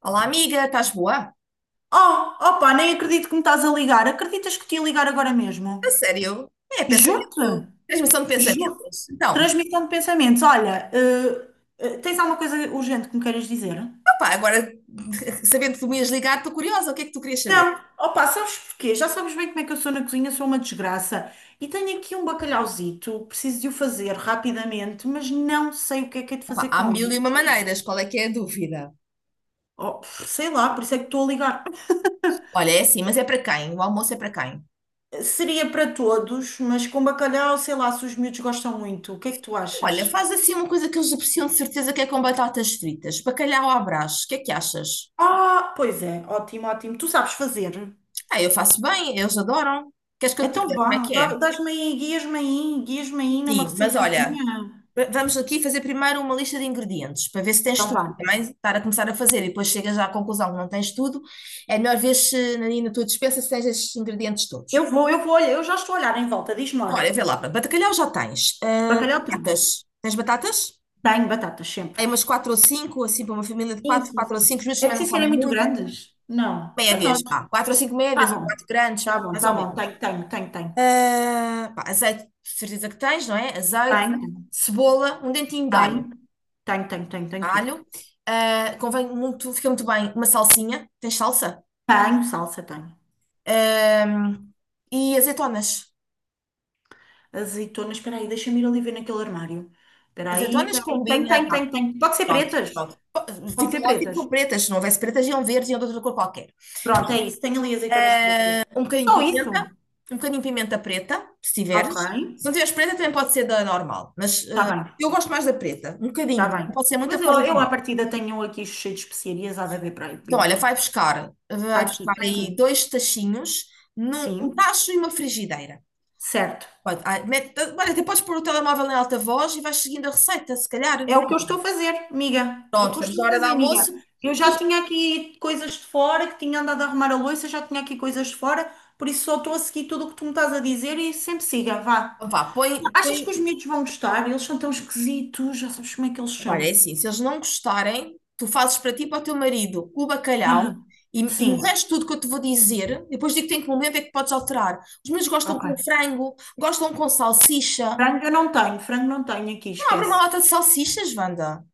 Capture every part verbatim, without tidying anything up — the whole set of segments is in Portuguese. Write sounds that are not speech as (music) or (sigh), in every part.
Olá, amiga, estás boa? Oh, opa, nem acredito que me estás a ligar. Acreditas que te ia ligar agora A mesmo? sério? É pensamento, Juro-te, transmissão de juro. pensamentos? Então, Transmissão de pensamentos. Olha, eh, eh, tens alguma coisa urgente que me queiras dizer? opá, agora (laughs) sabendo que tu me ias ligar, estou curiosa, o que é que tu querias saber? Não. Opa, sabes porquê? Já sabes bem como é que eu sou na cozinha, sou uma desgraça. E tenho aqui um bacalhauzito, preciso de o fazer rapidamente, mas não sei o que é que é de Opá, fazer há com mil e ele. uma maneiras, qual é que é a dúvida? Oh, sei lá, por isso é que estou a ligar. Olha, é assim, mas é para quem? O almoço é para quem? Seria para todos, mas com bacalhau, sei lá se os miúdos gostam muito. O que é que tu Olha, achas? faz assim uma coisa que eles apreciam de certeza que é com batatas fritas, bacalhau à Brás, o que é que achas? Ah, pois é, ótimo, ótimo. Tu sabes fazer. Ah, eu faço bem, eles adoram. Queres que eu te Então diga como é vá, que é? dá- dás-me aí, guias-me aí, guias-me aí numa Sim, mas olha, receitazinha. Va- Vamos aqui fazer primeiro uma lista de ingredientes para ver se tens Então tudo. vá. Também estar a começar a fazer e depois chegas à conclusão que não tens tudo, é melhor ver se na, na tua despensa se tens estes ingredientes todos. Eu vou, eu vou, olha, eu já estou a olhar em volta, diz-me Então, lá. olha, vê lá, pá, bacalhau já tens. Ah, Bacalhau tenho. batatas. Tens batatas? Tenho batatas sempre. Aí umas quatro ou cinco, assim, para uma família de Sim, quatro, sim, quatro ou sim. cinco, os meus É também não preciso serem comem muito muito. grandes? Não, para nós. Médias, pá, quatro ou cinco médias, Tá ou bom, quatro grandes, tá bom, mais tá ou bom. menos. Tenho, tenho, tenho, tenho. Ah, pá, azeite, de certeza que tens, não é? Azeite, Tenho, cebola, um dentinho de alho. tenho, tenho, tenho, tenho, tenho, tudo. alho. Ah, convém muito, fica muito bem uma salsinha. Tens salsa? Tenho, salsa, tenho. Ah, e azeitonas. Azeitonas, espera aí, deixa-me ir ali ver naquele armário. Espera aí, Azeitonas espera aí. Tenho, combina, tenho, pá. tenho, tenho. Pode ser Pronto, pretas? pronto. Pode Fica ser ótimo pretas. com pretas. Se não houvesse pretas, iam verdes, iam de outra cor qualquer. Pronto, é isso. Tem ali azeitonas pretas. Um bocadinho Só de pimenta, isso? um bocadinho de pimenta preta, se Ok. tiveres. Se não tiveres preta, também pode ser da normal. Mas Está ah, bem. eu gosto mais da preta. Um bocadinho, Está bem. também pode ser muita Mas por eu, causa do eu à milho. partida tenho aqui cheio de especiarias. Há de haver para aí Então, olha, pimenta. vai preta. buscar, Está vai aqui. buscar Está aí aqui. dois tachinhos, num- um Sim. tacho e uma frigideira. Certo. Pode, ai, mete- olha, até podes pôr o telemóvel em alta voz e vais seguindo a receita, se calhar. É o que eu estou a fazer, amiga. É o Pronto, que eu estamos na estou a hora do fazer, almoço. amiga. Eu já Depois, tinha aqui coisas de fora, que tinha andado a arrumar a louça, já tinha aqui coisas de fora, por isso só estou a seguir tudo o que tu me estás a dizer e sempre siga, vá. então vá, põe, Achas que põe. os miúdos vão gostar? Eles são tão esquisitos, já sabes como é que eles Olha, é são. assim, se eles não gostarem, tu fazes para ti e para o teu marido o bacalhau Aham. e, e o Sim, resto tudo que eu te vou dizer, depois digo-te em que um momento é que podes alterar. Os meus gostam com ok. frango, gostam com salsicha. Frango eu não tenho, frango não tenho aqui, Não, abre uma esquece. lata de salsichas, Wanda.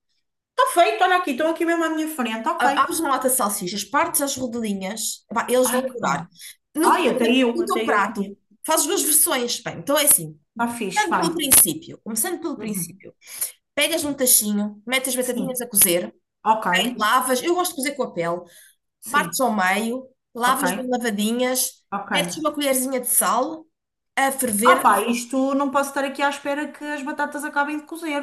Está feito, olha aqui, estão aqui mesmo à minha frente, ok. A- Abres uma lata de salsichas, partes as rodelinhas, epá, eles vão Ai, que bom. adorar. No, Ai, até eu, no até teu eu prato, conheço. fazes duas versões. Bem, então é assim. Está fixe, Começando vai. pelo princípio, começando pelo Uhum. princípio, pegas um tachinho, metes as batatinhas a Sim, cozer, ok. lavas, eu gosto de cozer com a pele, partes Sim, ao meio, ok, lavas bem lavadinhas, ok. metes uma colherzinha de sal a Ah ferver, pá, isto não posso estar aqui à espera que as batatas acabem de cozer.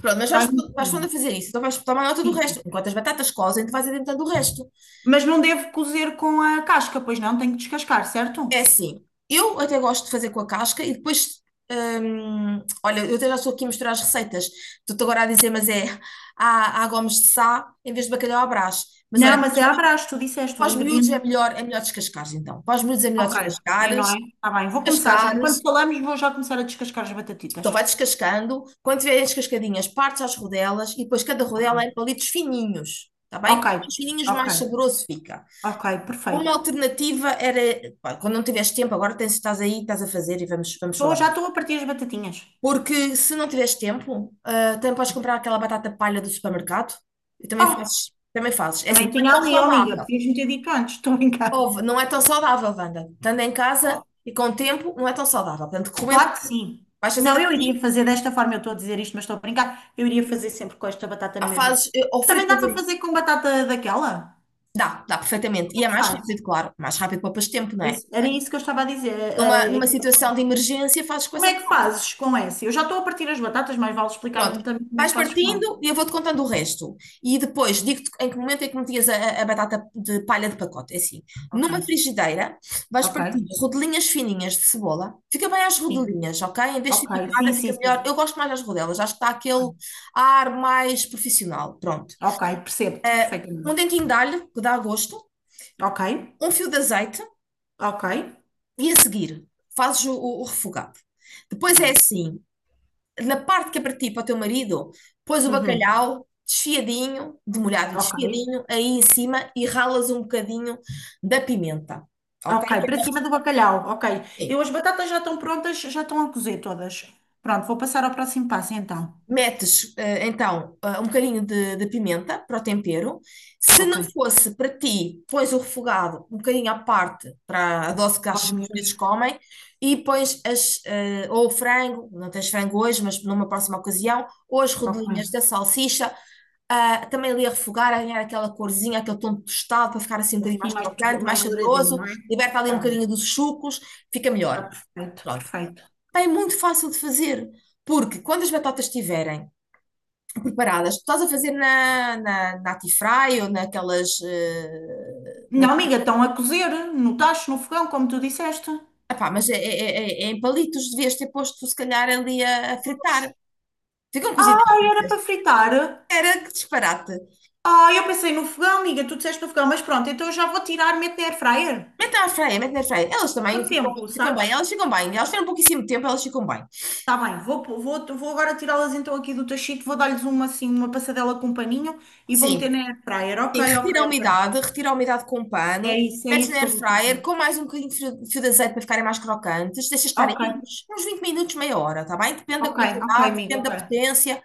pronto, mas vais, Vai, vais pondo a sim, fazer isso, então vais tomar nota do resto, sim. enquanto as batatas cozem, tu vais adiantando o resto. Mas não devo cozer com a casca, pois não, tenho que descascar, É certo? assim, eu até gosto de fazer com a casca e depois, hum, olha, eu até já estou aqui a misturar as receitas, estou-te agora a dizer, mas é, há, há gomes de sá em vez de bacalhau à Brás, mas Não, olha, mas é à brás, tu disseste para os os miúdos é ingredientes. melhor, é melhor descascares, então. Para os miúdos é melhor Ok, é não descascares, é? Está bem, vou começar já. Enquanto descascares. falamos, vou já começar a descascar as Então batatitas. vai descascando. Quando tiverem descascadinhas, partes às rodelas e depois cada rodela é em Ok, palitos fininhos. Está bem? ok, Quanto mais fininhos, ok, mais saboroso fica. ok, Uma perfeito. alternativa era, pá, quando não tiveres tempo, agora tens, estás aí, estás a fazer e vamos, vamos Tô, falar. já estou a partir as batatinhas. Porque se não tiveres tempo, ah, também podes comprar aquela batata palha do supermercado e também Oh, fazes, também fazes. É assim, também não é tinha tão ali, oh amiga, saudável. podias-me ter dito antes, (laughs) estou a brincar. Ouve, não é tão saudável, Wanda. Estando em casa Oh, e com o tempo, não é tão saudável. Portanto, recomendo que claro que sim. vais fazendo Não, eu iria assim, fazer desta forma, eu estou a dizer isto, mas estou a brincar. Eu iria fazer sempre com esta batata há na mesma. fases, eh, ou Também dá fritas. para em- fazer com batata daquela? Dá, dá perfeitamente. Como E é é que mais fazes? rápido, claro. Mais rápido poupas tempo, não é? Isso- era isso que eu estava a dizer. Numa, Eh, eh, numa situação de emergência, fazes Como coisa. é que fazes com essa? Eu já estou a partir as batatas, mas vale explicar-me Pronto, também como é vais que fazes com essa. partindo e eu vou-te contando o resto. E depois digo-te em que momento é que metias a, a batata de palha de pacote. É assim, Ok, numa frigideira vais ok. partindo rodelinhas fininhas de cebola. Fica bem às Sim, rodelinhas, ok? Em vez de ser ok. picada, Sim, sim, fica sim. melhor. sim. Eu gosto mais das rodelas, acho que dá aquele ar mais profissional. Pronto. Ok, percebo-te Eh, Um perfeitamente. dentinho de alho, que dá gosto, Ok, um fio de azeite ok. e a seguir fazes o, o- o refogado. Depois é Pronto. assim, na parte que é para ti, para o teu marido, pões o Uhum. bacalhau desfiadinho, demolhado e Ok, desfiadinho, aí em cima e ralas um bocadinho da pimenta, ok? ok. Para cima do bacalhau. Ok. Eu as batatas já estão prontas, já estão a cozer todas. Pronto, vou passar ao próximo passo então. Metes, eh, então, eh, um bocadinho de, de pimenta para o tempero. Se Ok. não fosse para ti, pões o refogado um bocadinho à parte para a dose que Para os acho que os miúdos. miúdos comem e pões as, eh, ou o frango, não tens frango hoje, mas numa próxima ocasião, ou as Ok. rodelinhas da salsicha, ah, também ali a refogar, a ganhar aquela corzinha, aquele tom tostado para ficar assim um bocadinho Assim mais mais, tu- crocante, mais mais douradinho, saboroso, não é? liberta ali um Tá bom. bocadinho dos sucos, fica Tá melhor. perfeito, Pronto. perfeito. Pá, é muito fácil de fazer, porque quando as batatas estiverem preparadas. Tu estás a fazer na, na, na Atifry ou naquelas. eh, na- Não, amiga, tua- estão a cozer no tacho, no fogão, como tu disseste. Epá, mas é, é- é- é em palitos, devias ter posto, se calhar, ali a, a fritar. Ficam cozidas Ai, era para fritas. fritar. Era que disparate. Ah, eu pensei no fogão, amiga, tu disseste no fogão, mas pronto, então eu já vou tirar, meto na air fryer. Mete na airfryer, mete na airfryer. Elas também Quanto ficam, tempo, ficam bem, sabes? elas ficam bem. Elas tiveram pouquíssimo tempo, elas ficam bem. Tá bem, vou, pô- vou, vou agora tirá-las então aqui do tachito, vou dar-lhes uma assim, uma passadela com um paninho e vou meter Sim. na air fryer. Sim, Ok, retira ok, a ok. umidade, retira a umidade com um É pano, isso, é metes isso na que air eu vou fryer fazer. com mais um bocadinho de fio, de fio, de azeite para ficarem mais crocantes, deixa estar aí Ok, uns, uns vinte minutos, meia hora, tá bem? Depende da ok, ok, quantidade, amiga, depende ok, da potência.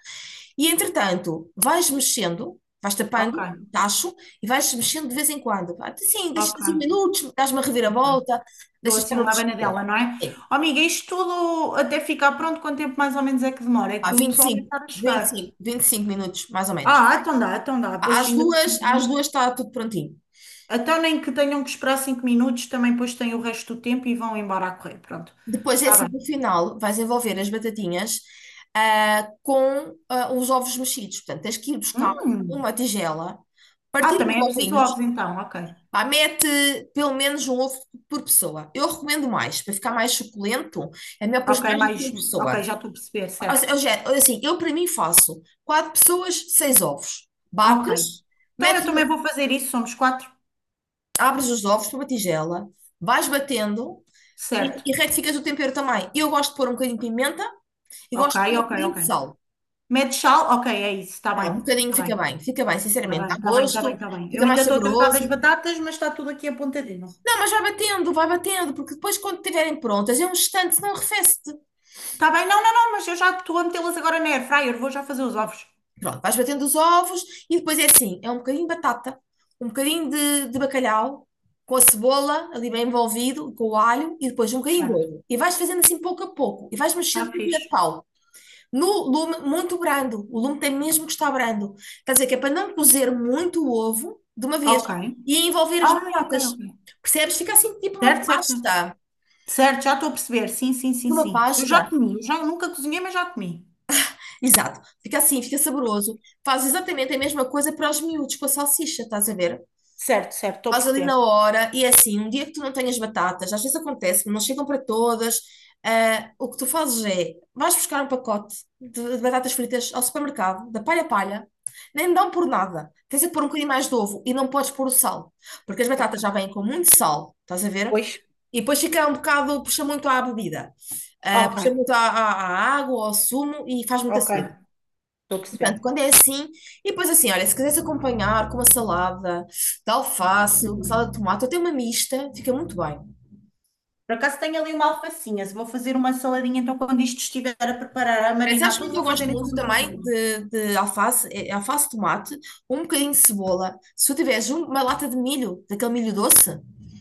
E entretanto, vais mexendo, vais tapando ok, o tacho e vais mexendo de vez em quando. Pá, sim, deixa cinco ok. minutos, dás uma Muito bem. reviravolta, Dou deixa estar assim uma outros. abanadela, não é? Sim, Oh, amiga, isto tudo até ficar pronto, quanto tempo mais ou menos é que demora? É pá, que o vinte e pessoal deve cinco estar a vinte e chegar. cinco, vinte e cinco minutos, mais ou menos. Ah, então dá, então dá, pois Às ainda. duas, às duas está tudo prontinho. Então, nem que tenham que esperar cinco minutos, também depois têm o resto do tempo e vão embora a correr. Pronto, Depois é está assim, bem. no final, vais envolver as batatinhas ah, com ah, os ovos mexidos. Portanto, tens que ir buscar Hum. uma tigela, Ah, partir os também é preciso ovinhos, ovos, então, ok. pá, mete pelo menos um ovo por pessoa. Eu recomendo mais, para ficar mais suculento, é melhor pôr Ok, mais do que mais. uma Um. Ok, pessoa. já estou a perceber, Ou se- certo. ou seja, assim, eu para mim faço quatro pessoas, seis ovos. Ok. Bates, Então metes eu também uma- vou fazer isso, somos quatro. abres os ovos para uma tigela, vais batendo Certo. e, e retificas o tempero também. Eu gosto de pôr um bocadinho de pimenta. Eu Ok, gosto de pôr um ok, bocadinho ok. de sal. Mete sal, ok, é isso, está Pá, bem. um bocadinho Está fica bem, bem, fica bem, está sinceramente, bem, dá está bem, está bem, gosto, está bem. Eu fica mais ainda estou a tratar saboroso. das batatas, mas está tudo aqui apontadinho. Não, mas vai batendo, vai batendo, porque depois quando estiverem prontas, é um instante, senão arrefece-te. Está bem, não, não, não, mas eu já estou a metê-las agora na air fryer, vou já fazer os ovos. Pronto, vais batendo os ovos e depois é assim, é um bocadinho de batata, um bocadinho de, de bacalhau, com a cebola ali bem envolvido, com o alho e depois um bocadinho de Certo, ovo. E vais fazendo assim pouco a pouco, e vais mexendo está com o colher de fixe. pau. No lume muito brando. O lume tem mesmo que estar brando. Quer dizer que é para não cozer muito o ovo de uma vez Ok. e envolver as Ah, ok, batatas. ok. Percebes? Fica assim tipo uma Certo, certo. pasta. Certo, já estou a perceber. Sim, sim, sim, Fica uma sim. Eu já pasta. comi. Eu já nunca cozinhei, mas já comi. Exato. Fica assim, fica saboroso. Faz exatamente a mesma coisa para os miúdos com a salsicha, estás a ver? Certo, certo, estou a Faz ali perceber. na hora, e é assim, um dia que tu não tenhas batatas, às vezes acontece, não chegam para todas, ah, o que tu fazes é, vais buscar um pacote de, de batatas fritas ao supermercado, da palha a palha, nem dão por nada, tens de pôr um bocadinho mais de ovo, e não podes pôr o sal, porque as Ok. batatas já vêm com muito sal, estás a ver? Pois? E depois fica um bocado, puxa muito à bebida, ah, Ok, puxa muito à, à- à água, ao sumo, e faz muita ok. sede. Estou a Portanto, perceber. quando é assim, e depois assim, olha, se quiseres acompanhar com uma salada de alface, uma Hum. salada de tomate, eu tenho uma mista, fica muito bem. Por acaso tenho ali uma alfacinha. Se vou fazer uma saladinha, então quando isto estiver a preparar, a Eh, Sabes marinar como é tudo, que eu vou fazer gosto então muito uma também saladinha. de, de alface, eh, alface, tomate, um bocadinho de cebola. Se tu tiveres um- uma lata de milho, daquele milho doce,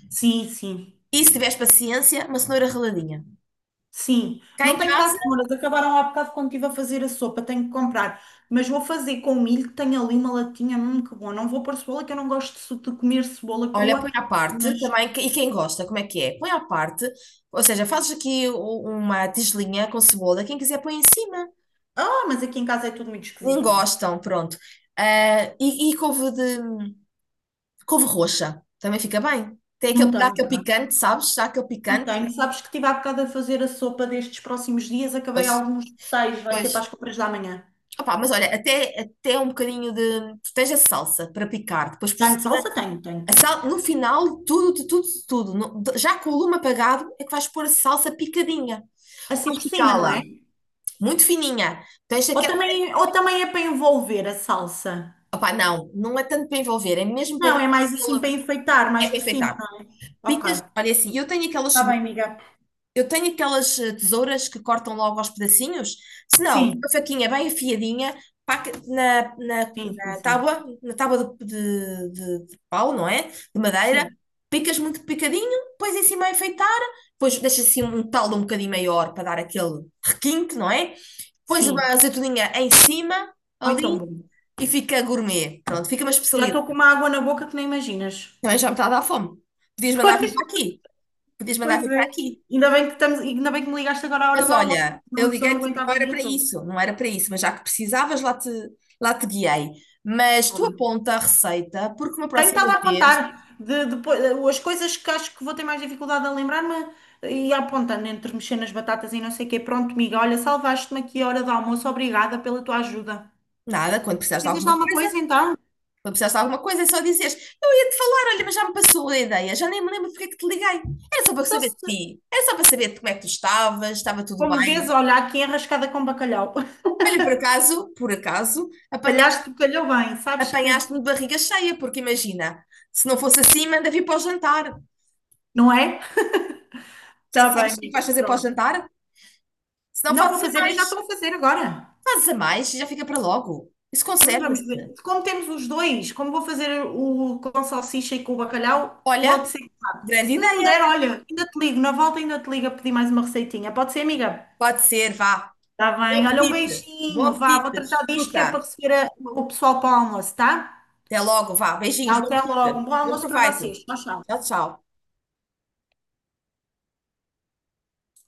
Sim, sim. e se tiveres paciência, uma cenoura raladinha. Sim, Cá não em tenho cá casa, cenouras, acabaram há bocado quando estive a fazer a sopa, tenho que comprar, mas vou fazer com milho, que tenho ali uma latinha, hum, que bom, não vou pôr cebola, que eu não gosto de su- de comer cebola olha, põe crua, à parte mas, também, que- e quem gosta, como é que é? Põe à parte, ou seja, fazes aqui o- uma tigelinha com cebola, quem quiser põe em cima. ah, mas aqui em casa é tudo muito Nem esquisitinho, gostam, pronto. Ah, e, e couve de couve roxa, também fica bem. Tem não aquele, dá tenho, aquele cá. picante, sabes? Dá aquele Não picante. tenho, sabes que estive há bocado a fazer a sopa destes próximos dias, acabei Pois, alguns detalhes, vai ser pois. para as compras da manhã, Opa, mas olha, até, até um bocadinho de. Tu tens a salsa para picar, depois por tenho cima. salsa? Tenho, tenho, A tenho, tenho, sal, no final, tudo, de tudo, de tudo. no- de- já com o lume apagado, é que vais pôr a salsa picadinha. assim Podes por cima, não picá-la, é? muito fininha. Tens Ou aquela. também, ou também é para envolver a salsa? Opa, não, não é tanto para envolver, é mesmo para dar Não, é mais assim aquela. para enfeitar, É mais para por cima, enfeitar. ok. Picas, olha assim, eu tenho aquelas Tá bem, cebolas. amiga. Eu tenho aquelas eh, tesouras que cortam logo aos pedacinhos. Se não, uma Sim, faquinha bem afiadinha, pá, que- na, na, sim, sim, na sim. tábua, na tábua de, de, de- de pau, não é? De madeira. Sim, Picas muito picadinho, pões em cima a enfeitar, depois deixas assim um talo um bocadinho maior para dar aquele requinte, não é? Pões uma sim. azeitoninha em cima, Ai, tão ali, bom. e fica gourmet. Pronto, fica uma Já especialidade. estou com uma água na boca que nem imaginas. Também já me está a dar fome. Podias mandar vir (laughs) para aqui. Podias mandar Pois vir é. para aqui. Ainda bem que estamos, ainda bem que me ligaste agora à hora Mas do almoço, olha, senão eu eu só não liguei-te, aguentava não o era dia para todo. isso, não era para isso, mas já que precisavas, lá te, lá te guiei. Mas Tá tu bem. aponta a receita, porque uma Tenho próxima estado a apontar vez, de, depois, as coisas que acho que vou ter mais dificuldade a lembrar-me e apontando entre mexer nas batatas e não sei o quê. Pronto, amiga, olha, salvaste-me aqui a hora do almoço. Obrigada pela tua ajuda. nada, quando precisares de Fizeste alguma alguma coisa, coisa então? quando precisares de alguma coisa, é só dizeres, eu ia-te falar, olha, mas já me passou a ideia, já nem me lembro porque é que te liguei. Era só para Então, saber de se, ti, era só para saber de como é que tu estavas, estava tudo como vês, bem. olha, aqui enrascada com bacalhau. Olha, por acaso, por acaso, apanhaste, Calhaste, calhou bem, sabes que apanhaste-me de barriga cheia, porque imagina, se não fosse assim, manda vir para o jantar. não é? Está Já bem, sabes o que amiga, vais fazer para o pronto. jantar? Se não Não vou fazes a fazer, eu mais. já estou a fazer agora. Fazes a mais e já fica para logo. Isso Hum, vamos conserva-se. ver. Como temos os dois, como vou fazer o com salsicha e com o bacalhau, Olha, pode ser. grande Se não der, ideia. olha, ainda te ligo, na volta ainda te ligo a pedir mais uma receitinha. Pode ser, amiga? Pode ser, vá. Está Bom bem, olha, um apetite. Bom beijinho, vá, apetite. vou tratar disto que é para Desfruta. receber a- o pessoal para o almoço, tá? Até logo, vá. Tchau, Beijinhos, bom até logo, apetite. um bom Bom almoço para proveito. vocês. Tchau, tchau. Tchau, tchau.